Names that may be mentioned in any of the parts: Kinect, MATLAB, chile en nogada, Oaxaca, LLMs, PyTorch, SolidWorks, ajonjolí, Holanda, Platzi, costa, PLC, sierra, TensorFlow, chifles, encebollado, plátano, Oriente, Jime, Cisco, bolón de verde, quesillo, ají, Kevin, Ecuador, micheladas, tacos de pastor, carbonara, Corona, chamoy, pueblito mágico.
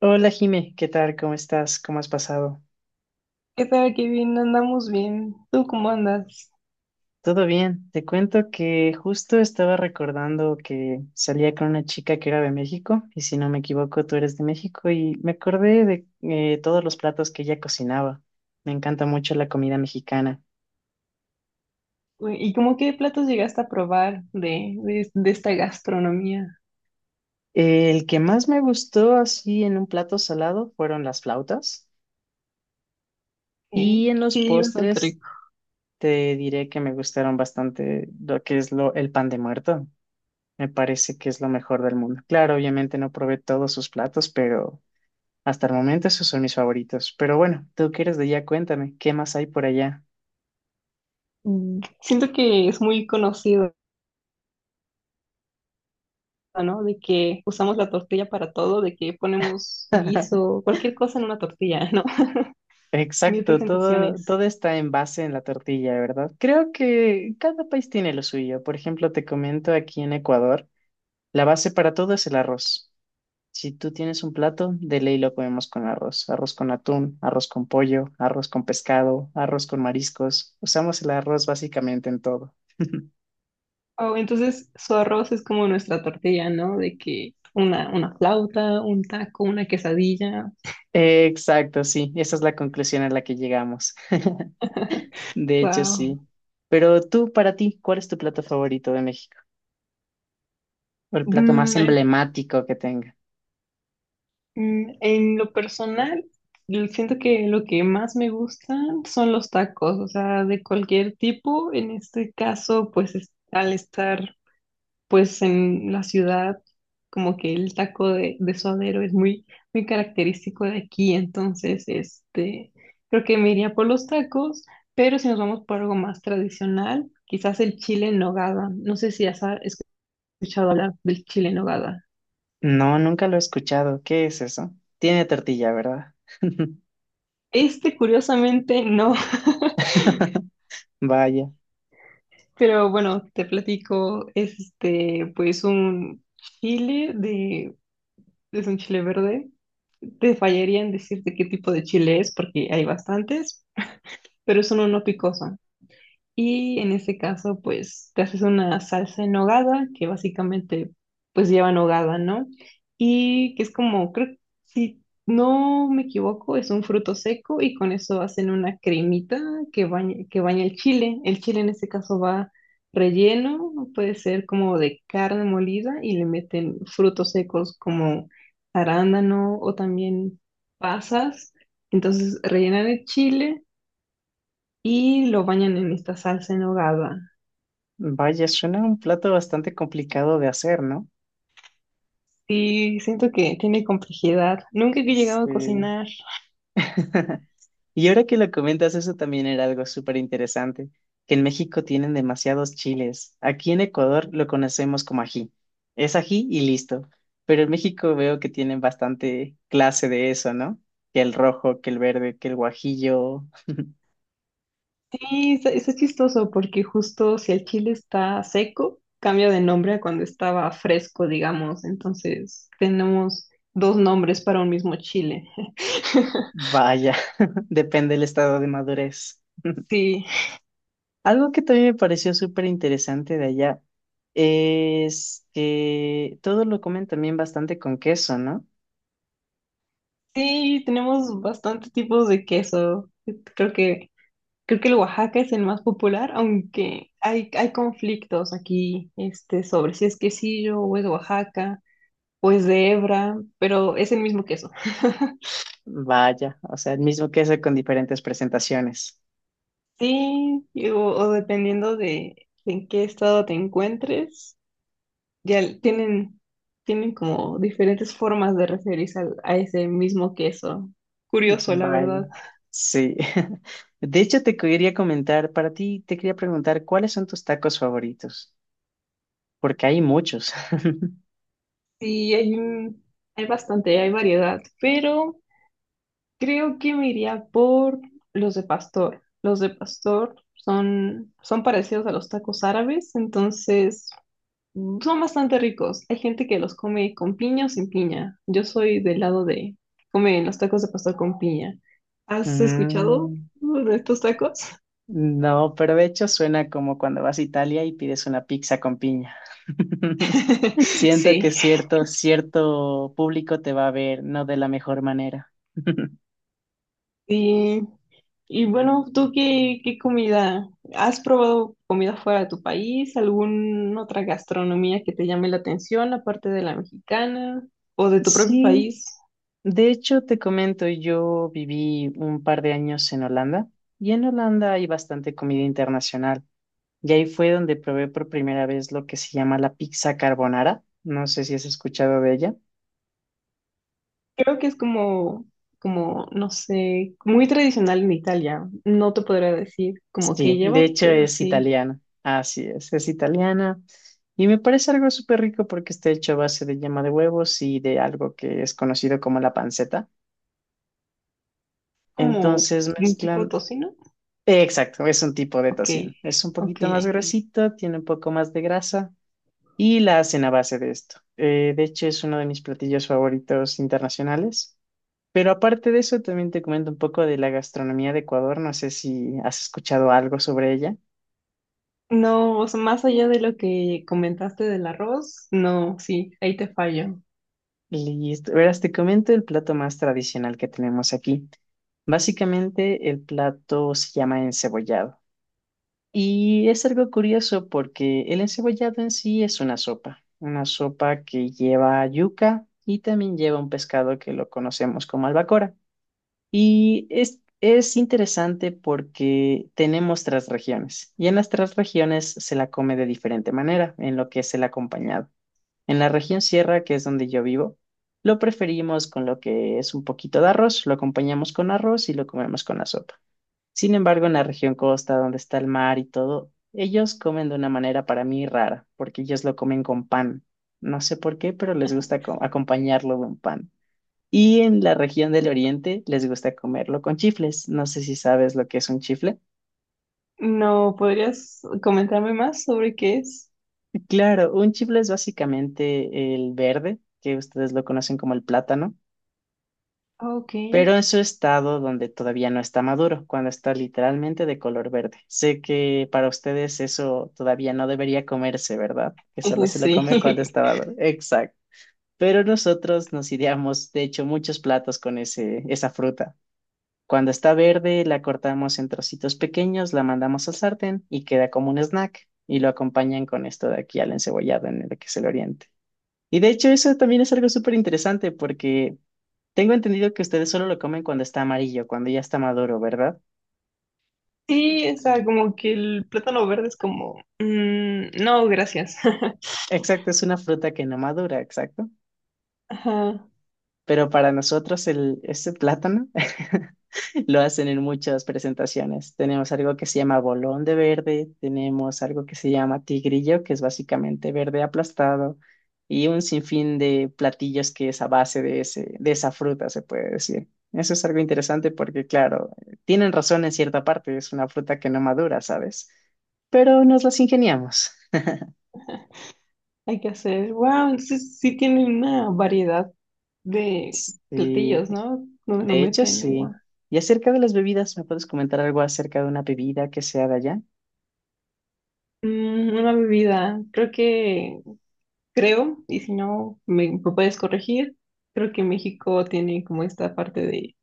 Hola Jime, ¿qué tal? ¿Cómo estás? ¿Cómo has pasado? ¿Qué tal, Kevin? Andamos bien. ¿Tú cómo andas? Todo bien. Te cuento que justo estaba recordando que salía con una chica que era de México y si no me equivoco tú eres de México y me acordé de todos los platos que ella cocinaba. Me encanta mucho la comida mexicana. Uy, ¿y cómo qué platos llegaste a probar de esta gastronomía? El que más me gustó así en un plato salado fueron las flautas y Eh, en los sí, bastante postres rico. te diré que me gustaron bastante lo que es lo, el pan de muerto. Me parece que es lo mejor del mundo. Claro, obviamente no probé todos sus platos, pero hasta el momento esos son mis favoritos. Pero bueno, tú que eres de allá, cuéntame, ¿qué más hay por allá? Siento que es muy conocido, ¿no? De que usamos la tortilla para todo, de que ponemos guiso, cualquier cosa en una tortilla, ¿no? Mil Exacto, todo, presentaciones. todo está en base en la tortilla, ¿verdad? Creo que cada país tiene lo suyo. Por ejemplo, te comento aquí en Ecuador, la base para todo es el arroz. Si tú tienes un plato, de ley lo comemos con arroz. Arroz con atún, arroz con pollo, arroz con pescado, arroz con mariscos. Usamos el arroz básicamente en todo. Oh, entonces su arroz es como nuestra tortilla, ¿no? De que una flauta, un taco, una quesadilla. Exacto, sí, esa es la conclusión a la que llegamos. De hecho, Wow. sí. Pero tú, para ti, ¿cuál es tu plato favorito de México? ¿O el plato más emblemático que tenga? En lo personal, siento que lo que más me gustan son los tacos, o sea, de cualquier tipo. En este caso, al estar pues en la ciudad, como que el taco de suadero es muy, muy característico de aquí, creo que me iría por los tacos, pero si nos vamos por algo más tradicional, quizás el chile en nogada. No sé si has escuchado hablar del chile en nogada. No, nunca lo he escuchado. ¿Qué es eso? Tiene tortilla, ¿verdad? Curiosamente, no. Vaya, Pero bueno, te platico, es pues un chile de, es un chile verde. Te fallaría en decirte qué tipo de chile es, porque hay bastantes, pero es uno no picoso. Y en este caso, pues te haces una salsa en nogada, que básicamente pues lleva nogada, ¿no? Y que es como, creo, si no me equivoco, es un fruto seco y con eso hacen una cremita que baña el chile. El chile en este caso va relleno, puede ser como de carne molida y le meten frutos secos como arándano o también pasas. Entonces rellenan el chile y lo bañan en esta salsa en nogada. vaya, suena un plato bastante complicado de hacer, ¿no? Sí, siento que tiene complejidad. Nunca he llegado a Sí. cocinar. Y ahora que lo comentas, eso también era algo súper interesante, que en México tienen demasiados chiles. Aquí en Ecuador lo conocemos como ají. Es ají y listo. Pero en México veo que tienen bastante clase de eso, ¿no? Que el rojo, que el verde, que el guajillo. Sí, está chistoso porque justo si el chile está seco, cambia de nombre a cuando estaba fresco, digamos. Entonces tenemos dos nombres para un mismo chile. Vaya, depende del estado de madurez. Sí, Algo que también me pareció súper interesante de allá es que todo lo comen también bastante con queso, ¿no? sí, tenemos bastantes tipos de queso. Creo que, creo que el Oaxaca es el más popular, aunque hay conflictos aquí, sobre si es quesillo o es Oaxaca. Pues de hebra, pero es el mismo queso. Vaya, o sea, el mismo queso con diferentes presentaciones. Sí, o dependiendo de en qué estado te encuentres, ya tienen, tienen como diferentes formas de referirse a ese mismo queso. Curioso, la Vaya, verdad. sí. De hecho, te quería comentar, para ti, te quería preguntar, ¿cuáles son tus tacos favoritos? Porque hay muchos. Sí, hay bastante, hay variedad, pero creo que me iría por los de pastor. Los de pastor son parecidos a los tacos árabes, entonces son bastante ricos. Hay gente que los come con piña o sin piña. Yo soy del lado de comen los tacos de pastor con piña. ¿Has escuchado Mm, de estos tacos? no, pero de hecho suena como cuando vas a Italia y pides una pizza con piña. Siento que Sí. cierto público te va a ver, no de la mejor manera. Y, y bueno, ¿tú qué, qué comida? ¿Has probado comida fuera de tu país? ¿Alguna otra gastronomía que te llame la atención aparte de la mexicana o de tu propio Sí. país? De hecho, te comento, yo viví un par de años en Holanda y en Holanda hay bastante comida internacional. Y ahí fue donde probé por primera vez lo que se llama la pizza carbonara. No sé si has escuchado de ella. Creo que es como, como, no sé, muy tradicional en Italia. No te podría decir como qué Sí, de lleva, hecho pero es sí, italiana. Así es italiana. Y me parece algo súper rico porque está hecho a base de yema de huevos y de algo que es conocido como la panceta. como Entonces un tipo de mezclan. tocino. Exacto, es un tipo de Ok, tocino. Es un ok. poquito más gruesito, tiene un poco más de grasa y la hacen a base de esto. De hecho, es uno de mis platillos favoritos internacionales. Pero aparte de eso, también te comento un poco de la gastronomía de Ecuador. No sé si has escuchado algo sobre ella. No, o sea, más allá de lo que comentaste del arroz, no, sí, ahí te fallo. Listo. Verás, te comento el plato más tradicional que tenemos aquí. Básicamente, el plato se llama encebollado. Y es algo curioso porque el encebollado en sí es una sopa. Una sopa que lleva yuca y también lleva un pescado que lo conocemos como albacora. Y es interesante porque tenemos tres regiones y en las tres regiones se la come de diferente manera en lo que es el acompañado. En la región sierra, que es donde yo vivo, lo preferimos con lo que es un poquito de arroz, lo acompañamos con arroz y lo comemos con la sopa. Sin embargo, en la región costa, donde está el mar y todo, ellos comen de una manera para mí rara, porque ellos lo comen con pan. No sé por qué, pero les gusta acompañarlo con pan. Y en la región del Oriente les gusta comerlo con chifles. No sé si sabes lo que es un chifle. No, ¿podrías comentarme más sobre qué es? Claro, un chifle es básicamente el verde, que ustedes lo conocen como el plátano, Ah, ok, pero en su estado donde todavía no está maduro, cuando está literalmente de color verde. Sé que para ustedes eso todavía no debería comerse, ¿verdad? Que solo se lo sí. come cuando está maduro. Exacto. Pero nosotros nos ideamos, de hecho, muchos platos con esa fruta. Cuando está verde, la cortamos en trocitos pequeños, la mandamos al sartén y queda como un snack. Y lo acompañan con esto de aquí al encebollado en el que se le oriente. Y de hecho, eso también es algo súper interesante porque tengo entendido que ustedes solo lo comen cuando está amarillo, cuando ya está maduro, ¿verdad? Sí, o sea, como que el plátano verde es como, mm, no, gracias. Exacto, es una fruta que no madura, exacto. Ajá. Pero para nosotros este plátano lo hacen en muchas presentaciones. Tenemos algo que se llama bolón de verde, tenemos algo que se llama tigrillo, que es básicamente verde aplastado, y un sinfín de platillos que es a base de de esa fruta, se puede decir. Eso es algo interesante porque, claro, tienen razón en cierta parte, es una fruta que no madura, ¿sabes? Pero nos las ingeniamos. Hay que hacer, wow, entonces sí tienen una variedad de Sí. platillos, ¿no? Donde no De hecho, meten sí. agua. Y acerca de las bebidas, ¿me puedes comentar algo acerca de una bebida que sea de allá? Una bebida, creo, y si no me puedes corregir, creo que México tiene como esta parte de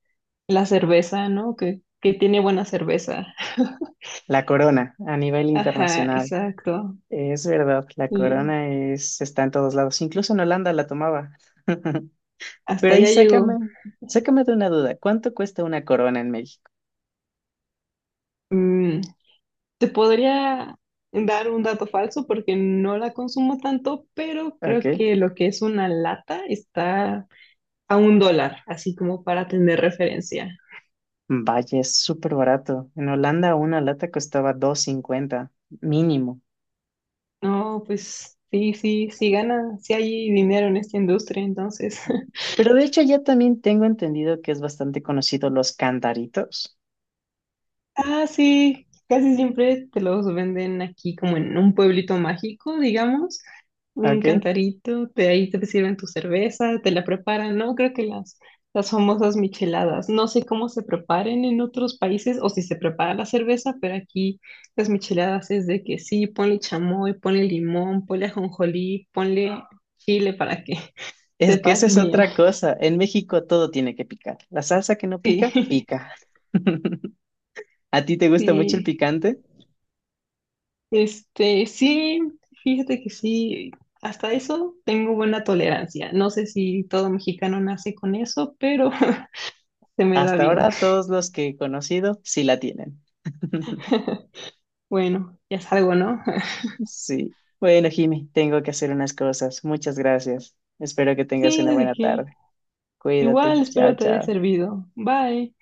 la cerveza, ¿no? Que tiene buena cerveza. La Corona, a nivel Ajá, internacional. exacto. Es verdad, la Y Corona es, está en todos lados. Incluso en Holanda la tomaba. hasta Pero ahí allá llegó. sácame de una duda. ¿Cuánto cuesta una Corona en México? Mm, Te podría dar un dato falso porque no la consumo tanto, pero creo Ok. que lo que es una lata está a un dólar, así como para tener referencia. Vaya, es súper barato. En Holanda una lata costaba 2,50 mínimo. No, pues sí, sí gana, sí hay dinero en esta industria, entonces. Pero de hecho ya también tengo entendido que es bastante conocido los cantaritos. Ah, sí, casi siempre te los venden aquí como en un pueblito mágico, digamos, un Ok. cantarito, de ahí te sirven tu cerveza, te la preparan, ¿no? Creo que las famosas micheladas, no sé cómo se preparen en otros países o si se prepara la cerveza, pero aquí las micheladas es de que sí, ponle chamoy, ponle limón, ponle ajonjolí, ponle chile para que Es que esa sepas es bien. otra cosa. En México todo tiene que picar. La salsa que no pica, Sí, pica. ¿A ti te gusta mucho el sí. picante? Este, sí, fíjate que sí, hasta eso tengo buena tolerancia. No sé si todo mexicano nace con eso, pero se me da Hasta bien. ahora todos los que he conocido sí la tienen. Bueno, ya salgo, ¿no? Sí. Bueno, Jimmy, tengo que hacer unas cosas. Muchas gracias. Espero que tengas Sí, una de buena que tarde. igual Cuídate. Chao, espero te haya chao. servido. Bye.